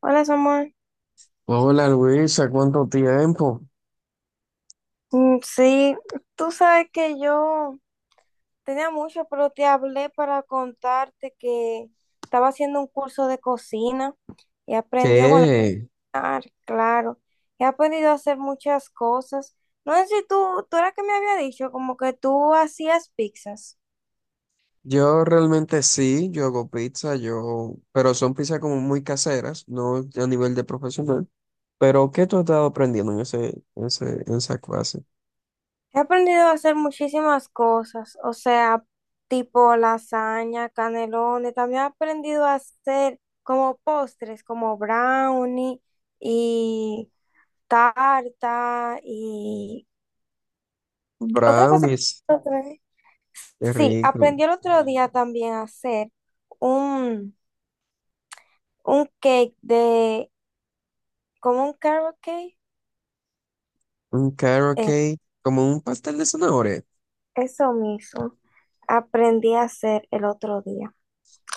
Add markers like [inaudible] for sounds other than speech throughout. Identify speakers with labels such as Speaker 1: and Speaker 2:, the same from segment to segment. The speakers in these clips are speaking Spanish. Speaker 1: Hola, Samuel.
Speaker 2: Hola Luisa, ¿cuánto tiempo?
Speaker 1: Mm, sí, Tú sabes que yo tenía mucho, pero te hablé para contarte que estaba haciendo un curso de cocina y he aprendido,
Speaker 2: ¿Qué?
Speaker 1: ah, claro, he aprendido a hacer muchas cosas. No sé si tú era que me había dicho, como que tú hacías pizzas.
Speaker 2: Yo realmente sí, yo hago pizza, yo, pero son pizzas como muy caseras, no a nivel de profesional. Pero ¿qué tú has estado aprendiendo en esa clase?
Speaker 1: He aprendido a hacer muchísimas cosas, o sea, tipo lasaña, canelones. También he aprendido a hacer como postres, como brownie y tarta y otra cosa que
Speaker 2: Brownies,
Speaker 1: otra vez.
Speaker 2: qué
Speaker 1: Sí,
Speaker 2: rico.
Speaker 1: aprendí el otro día también a hacer un, un cake de, como un carrot cake.
Speaker 2: Un carrot
Speaker 1: Eh,
Speaker 2: cake, como un pastel de zanahoria.
Speaker 1: Eso mismo aprendí a hacer el otro día.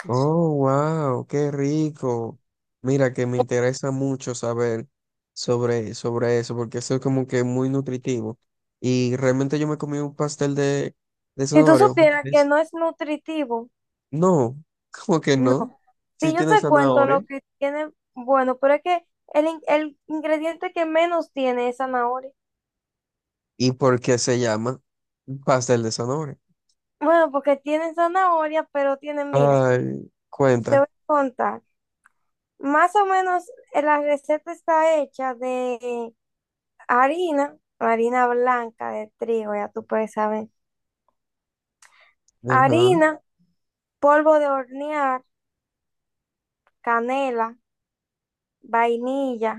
Speaker 2: Oh, wow, qué rico. Mira que me interesa mucho saber sobre eso, porque eso es como que muy nutritivo. Y realmente yo me comí un pastel de
Speaker 1: Si tú
Speaker 2: zanahoria una
Speaker 1: supieras que
Speaker 2: vez.
Speaker 1: no es nutritivo.
Speaker 2: No, [laughs] ¿cómo que
Speaker 1: No,
Speaker 2: no? Sí
Speaker 1: si yo
Speaker 2: tiene
Speaker 1: te cuento lo
Speaker 2: zanahoria.
Speaker 1: que tiene, bueno, pero es que el ingrediente que menos tiene es zanahoria.
Speaker 2: ¿Y por qué se llama pastel de zanahoria?
Speaker 1: Bueno, porque tiene zanahoria, pero tiene, mira,
Speaker 2: Ay,
Speaker 1: te
Speaker 2: cuenta.
Speaker 1: voy a contar. Más o menos la receta está hecha de harina, harina blanca de trigo, ya tú puedes saber.
Speaker 2: Ajá,
Speaker 1: Harina, polvo de hornear, canela, vainilla,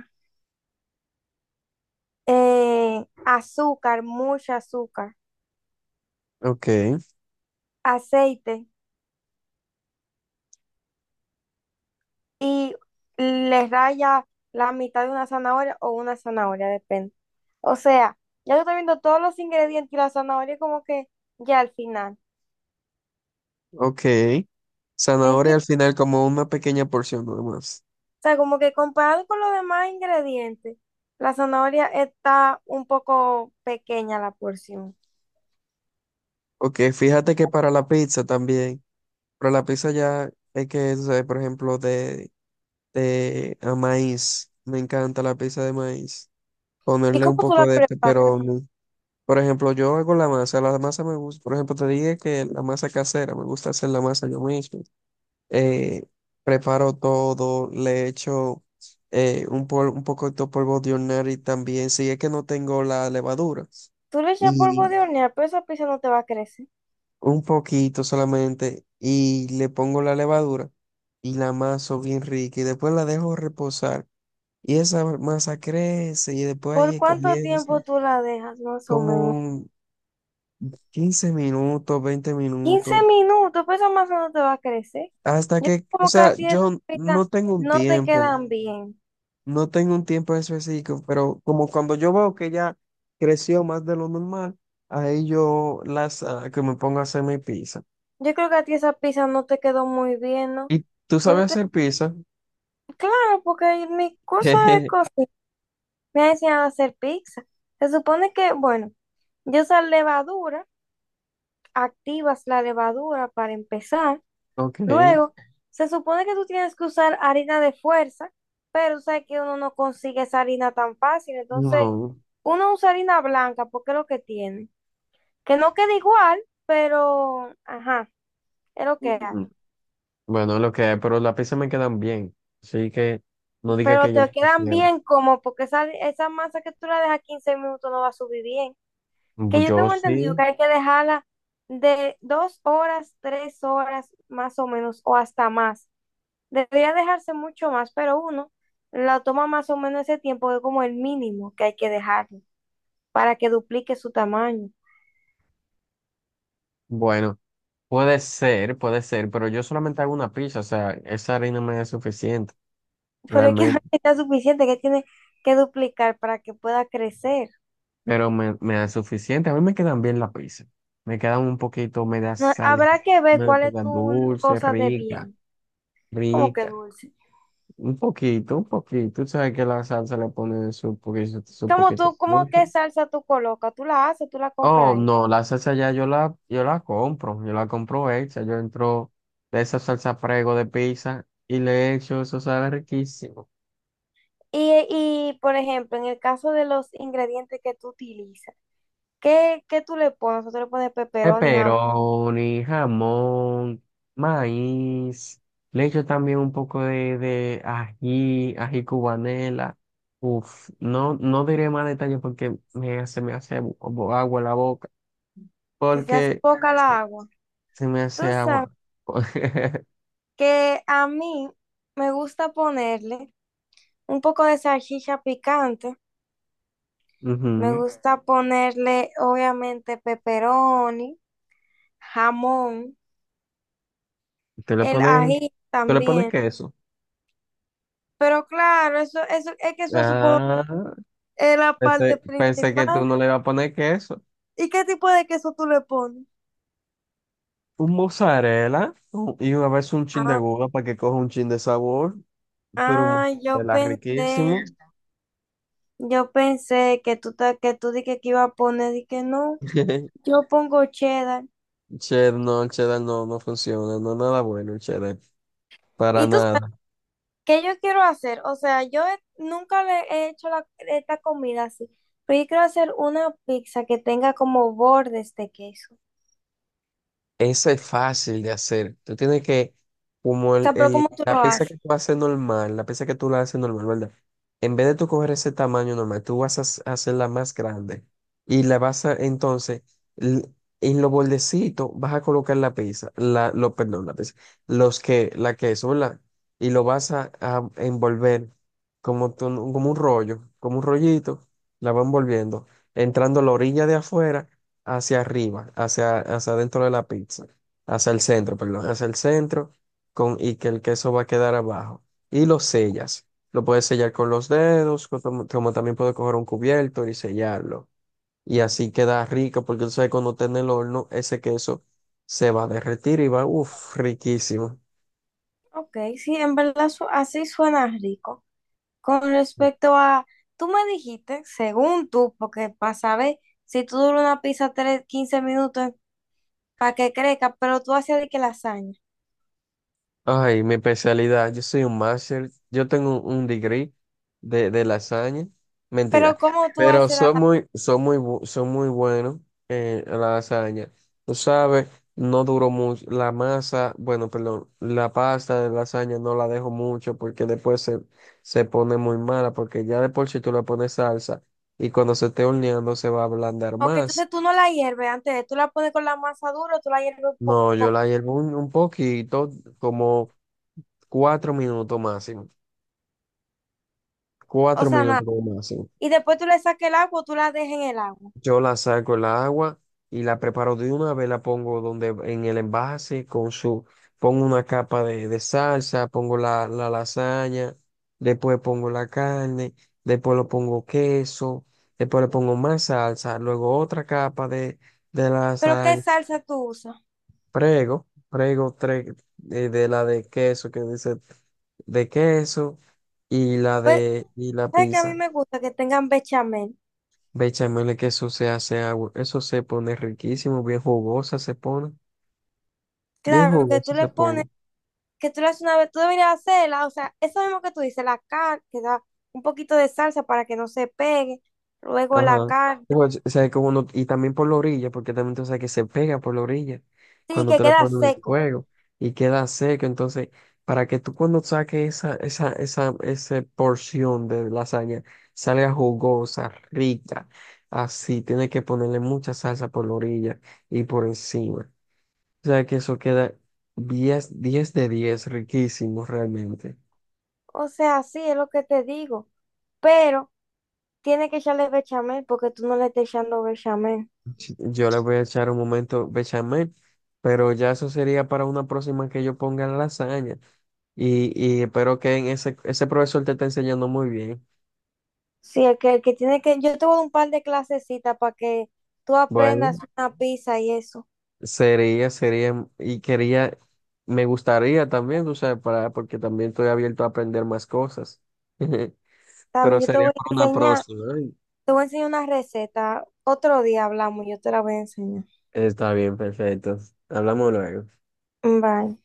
Speaker 1: azúcar, mucha azúcar,
Speaker 2: ok,
Speaker 1: aceite. Y le raya la mitad de una zanahoria o una zanahoria, depende. O sea, ya yo estoy viendo todos los ingredientes y la zanahoria como que ya al final.
Speaker 2: ok. Zanahoria
Speaker 1: ¿Entiendes?
Speaker 2: al final como una pequeña porción nomás.
Speaker 1: O sea, como que comparado con los demás ingredientes, la zanahoria está un poco pequeña la porción.
Speaker 2: Ok, fíjate que para la pizza también. Pero la pizza ya es que, tú sabes, por ejemplo, de a maíz. Me encanta la pizza de maíz.
Speaker 1: ¿Y
Speaker 2: Ponerle un
Speaker 1: cómo tú la
Speaker 2: poco de
Speaker 1: preparas?
Speaker 2: pepperoni. Por ejemplo, yo hago la masa. La masa me gusta. Por ejemplo, te dije que la masa casera, me gusta hacer la masa yo mismo. Eh, preparo todo, le echo un poco de polvo de hornear y también, si es que no tengo la levadura.
Speaker 1: Tú le echas polvo
Speaker 2: Y
Speaker 1: de hornear, pero esa pizza no te va a crecer.
Speaker 2: un poquito solamente y le pongo la levadura y la amaso bien rica y después la dejo reposar y esa masa crece y después
Speaker 1: ¿Por
Speaker 2: ahí
Speaker 1: cuánto
Speaker 2: comienza
Speaker 1: tiempo tú la dejas, más o
Speaker 2: como
Speaker 1: menos?
Speaker 2: un 15 minutos, 20
Speaker 1: Quince
Speaker 2: minutos,
Speaker 1: minutos, pues esa masa no te va a crecer.
Speaker 2: hasta
Speaker 1: Yo
Speaker 2: que, o
Speaker 1: como que a
Speaker 2: sea,
Speaker 1: ti esas
Speaker 2: yo
Speaker 1: pizzas
Speaker 2: no tengo un
Speaker 1: no te
Speaker 2: tiempo,
Speaker 1: quedan bien.
Speaker 2: no tengo un tiempo específico, pero como cuando yo veo que ya creció más de lo normal, ahí yo las que me pongo a hacer mi pizza.
Speaker 1: Yo creo que a ti esa pizza no te quedó muy bien, ¿no?
Speaker 2: ¿Y tú sabes
Speaker 1: Porque,
Speaker 2: hacer pizza?
Speaker 1: claro, porque en mi curso de
Speaker 2: [laughs]
Speaker 1: cocina me ha enseñado a hacer pizza. Se supone que, bueno, yo esa levadura, activas la levadura para empezar.
Speaker 2: Ok.
Speaker 1: Luego, se supone que tú tienes que usar harina de fuerza, pero sabes que uno no consigue esa harina tan fácil. Entonces,
Speaker 2: No.
Speaker 1: uno usa harina blanca porque es lo que tiene, que no queda igual, pero, ajá, es lo que hay.
Speaker 2: Mm. Bueno, lo que, hay, pero los lápices me quedan bien. Así que no diga
Speaker 1: Pero
Speaker 2: que yo no
Speaker 1: te quedan
Speaker 2: quisiera.
Speaker 1: bien como, porque esa masa que tú la dejas 15 minutos no va a subir bien. Que yo
Speaker 2: Yo
Speaker 1: tengo entendido que
Speaker 2: sí.
Speaker 1: hay que dejarla de 2 horas, 3 horas, más o menos, o hasta más. Debería dejarse mucho más, pero uno la toma más o menos ese tiempo, es como el mínimo que hay que dejarle para que duplique su tamaño.
Speaker 2: Bueno, puede ser, pero yo solamente hago una pizza. O sea, esa harina me es suficiente,
Speaker 1: Pero es que [laughs] no
Speaker 2: realmente.
Speaker 1: está suficiente, que tiene que duplicar para que pueda crecer.
Speaker 2: Pero me da suficiente. A mí me quedan bien las pizzas. Me quedan un poquito, me da
Speaker 1: No,
Speaker 2: sal,
Speaker 1: habrá que ver
Speaker 2: me
Speaker 1: cuál es
Speaker 2: quedan
Speaker 1: tu
Speaker 2: dulce,
Speaker 1: cosa de
Speaker 2: rica,
Speaker 1: bien, como que
Speaker 2: rica.
Speaker 1: dulce.
Speaker 2: Un poquito, un poquito. Tú sabes que la salsa le pone su poquito de
Speaker 1: Cómo
Speaker 2: dulce.
Speaker 1: qué salsa tú colocas? Tú la haces, tú la compras
Speaker 2: Oh,
Speaker 1: ahí.
Speaker 2: no, la salsa ya yo la compro hecha, yo entro de esa salsa prego de pizza y le echo, eso sabe riquísimo.
Speaker 1: Y, por ejemplo, en el caso de los ingredientes que tú utilizas, qué tú le pones? Tú le pones pepperoni, jamón,
Speaker 2: Pepperoni, jamón, maíz, le echo también un poco de ají cubanela. Uf, no, no diré más detalles porque me hace agua la boca,
Speaker 1: si se hace
Speaker 2: porque
Speaker 1: poca la
Speaker 2: se
Speaker 1: agua.
Speaker 2: se me
Speaker 1: Tú
Speaker 2: hace
Speaker 1: sabes
Speaker 2: agua. [laughs]
Speaker 1: que a mí me gusta ponerle un poco de salchicha picante, me
Speaker 2: Ujú.
Speaker 1: gusta ponerle obviamente pepperoni, jamón,
Speaker 2: Tú le
Speaker 1: el
Speaker 2: pones,
Speaker 1: ají
Speaker 2: tú le pones
Speaker 1: también.
Speaker 2: queso.
Speaker 1: Pero claro, es que eso supongo
Speaker 2: Ah,
Speaker 1: es la parte
Speaker 2: pensé
Speaker 1: principal.
Speaker 2: que tú no le ibas a poner queso.
Speaker 1: ¿Y qué tipo de queso tú le pones?
Speaker 2: Un mozzarella y una vez un chin de
Speaker 1: Ah,
Speaker 2: gouda para que coja un chin de sabor, pero un
Speaker 1: ah, yo
Speaker 2: mozzarella
Speaker 1: pensé,
Speaker 2: riquísimo.
Speaker 1: yo pensé que tú dije que iba a poner, dije no,
Speaker 2: [laughs]
Speaker 1: yo pongo cheddar.
Speaker 2: Cheddar, no, el cheddar no, no funciona, no es nada bueno el cheddar, para
Speaker 1: ¿Y tú sabes
Speaker 2: nada.
Speaker 1: qué yo quiero hacer? O sea, nunca le he hecho esta comida así, pero yo quiero hacer una pizza que tenga como bordes de queso. O
Speaker 2: Eso es fácil de hacer. Tú tienes que, como
Speaker 1: sea, pero ¿cómo tú
Speaker 2: la
Speaker 1: lo
Speaker 2: pizza que
Speaker 1: haces?
Speaker 2: tú haces normal, la pizza que tú la haces normal, ¿verdad? En vez de tú coger ese tamaño normal, tú vas a hacerla más grande. Y la vas a, entonces, l- en los bordecitos vas a colocar la pizza, la, lo, perdón, la pizza, los que, la queso, ¿verdad? Y lo vas a envolver como, como un rollo, como un rollito, la va envolviendo, entrando a la orilla de afuera hacia arriba, hacia dentro de la pizza, hacia el centro, perdón, hacia el centro, y que el queso va a quedar abajo. Y lo sellas. Lo puedes sellar con los dedos, como también puedes coger un cubierto y sellarlo. Y así queda rico, porque tú sabes, cuando esté en el horno, ese queso se va a derretir y va, uff, riquísimo.
Speaker 1: Ok, sí, en verdad así suena rico. Con respecto a, tú me dijiste, según tú, porque para saber si tú duras una pizza 15 minutos para que crezca, pero tú haces de que lasaña.
Speaker 2: Ay, mi especialidad, yo soy un máster, yo tengo un degree de lasaña, mentira,
Speaker 1: Pero ¿cómo tú
Speaker 2: pero
Speaker 1: haces la...?
Speaker 2: soy muy bueno en la lasaña. Tú sabes, no duró mucho, la masa, bueno, perdón, la pasta de lasaña no la dejo mucho porque después se pone muy mala, porque ya de por sí tú le pones salsa y cuando se esté horneando se va a ablandar
Speaker 1: Ok,
Speaker 2: más.
Speaker 1: entonces tú no la hierves antes, tú la pones con la masa dura, o tú la hierves
Speaker 2: No, yo
Speaker 1: poco,
Speaker 2: la hiervo un poquito, como 4 minutos máximo.
Speaker 1: o
Speaker 2: Cuatro
Speaker 1: sea, nada.
Speaker 2: minutos como máximo.
Speaker 1: Y después tú le sacas el agua, o tú la dejas en el agua.
Speaker 2: Yo la saco el agua y la preparo de una vez, la pongo donde en el envase con su, pongo una capa de salsa, pongo la lasaña, después pongo la carne, después lo pongo queso, después le pongo más salsa, luego otra capa de
Speaker 1: Pero ¿qué
Speaker 2: lasaña,
Speaker 1: salsa tú usas?
Speaker 2: prego tres, de la de queso que dice de queso y la
Speaker 1: Pues,
Speaker 2: de y la
Speaker 1: ¿sabes que a mí
Speaker 2: pizza.
Speaker 1: me gusta que tengan bechamel?
Speaker 2: Ve, Chaimele, que eso se hace agua, eso se pone riquísimo, bien jugosa se pone, bien
Speaker 1: Claro, que
Speaker 2: jugosa
Speaker 1: tú le
Speaker 2: se
Speaker 1: pones...
Speaker 2: pone.
Speaker 1: que tú le haces una vez, tú deberías hacerla, o sea, eso mismo que tú dices, la carne, que da un poquito de salsa para que no se pegue, luego la
Speaker 2: Ajá.
Speaker 1: carne,
Speaker 2: Igual, o sea, como y también por la orilla, porque también tú sabes que se pega por la orilla
Speaker 1: sí,
Speaker 2: cuando
Speaker 1: que
Speaker 2: tú le
Speaker 1: queda
Speaker 2: pones el
Speaker 1: seco,
Speaker 2: fuego y queda seco. Entonces, para que tú cuando saques esa porción de lasaña salga jugosa, rica, así, tienes que ponerle mucha salsa por la orilla y por encima. O sea que eso queda 10 10 de 10 riquísimo realmente.
Speaker 1: o sea, sí, es lo que te digo, pero tiene que echarle bechamel porque tú no le estás echando bechamel.
Speaker 2: Yo le voy a echar un momento bechamel, pero ya eso sería para una próxima que yo ponga la lasaña. Y, y espero que en ese profesor te esté enseñando muy bien.
Speaker 1: Sí, el que tiene que, yo te voy a dar un par de clasecitas para que tú aprendas
Speaker 2: Bueno,
Speaker 1: una pizza y eso.
Speaker 2: sería, sería, mm, y quería, me gustaría también, tú sabes, porque también estoy abierto a aprender más cosas. [laughs]
Speaker 1: También
Speaker 2: Pero
Speaker 1: yo te
Speaker 2: sería
Speaker 1: voy
Speaker 2: para
Speaker 1: a
Speaker 2: una
Speaker 1: enseñar,
Speaker 2: próxima. ¿Eh?
Speaker 1: te voy a enseñar una receta, otro día hablamos, yo te la voy a enseñar.
Speaker 2: Está bien, perfecto. Hablamos luego.
Speaker 1: Bye.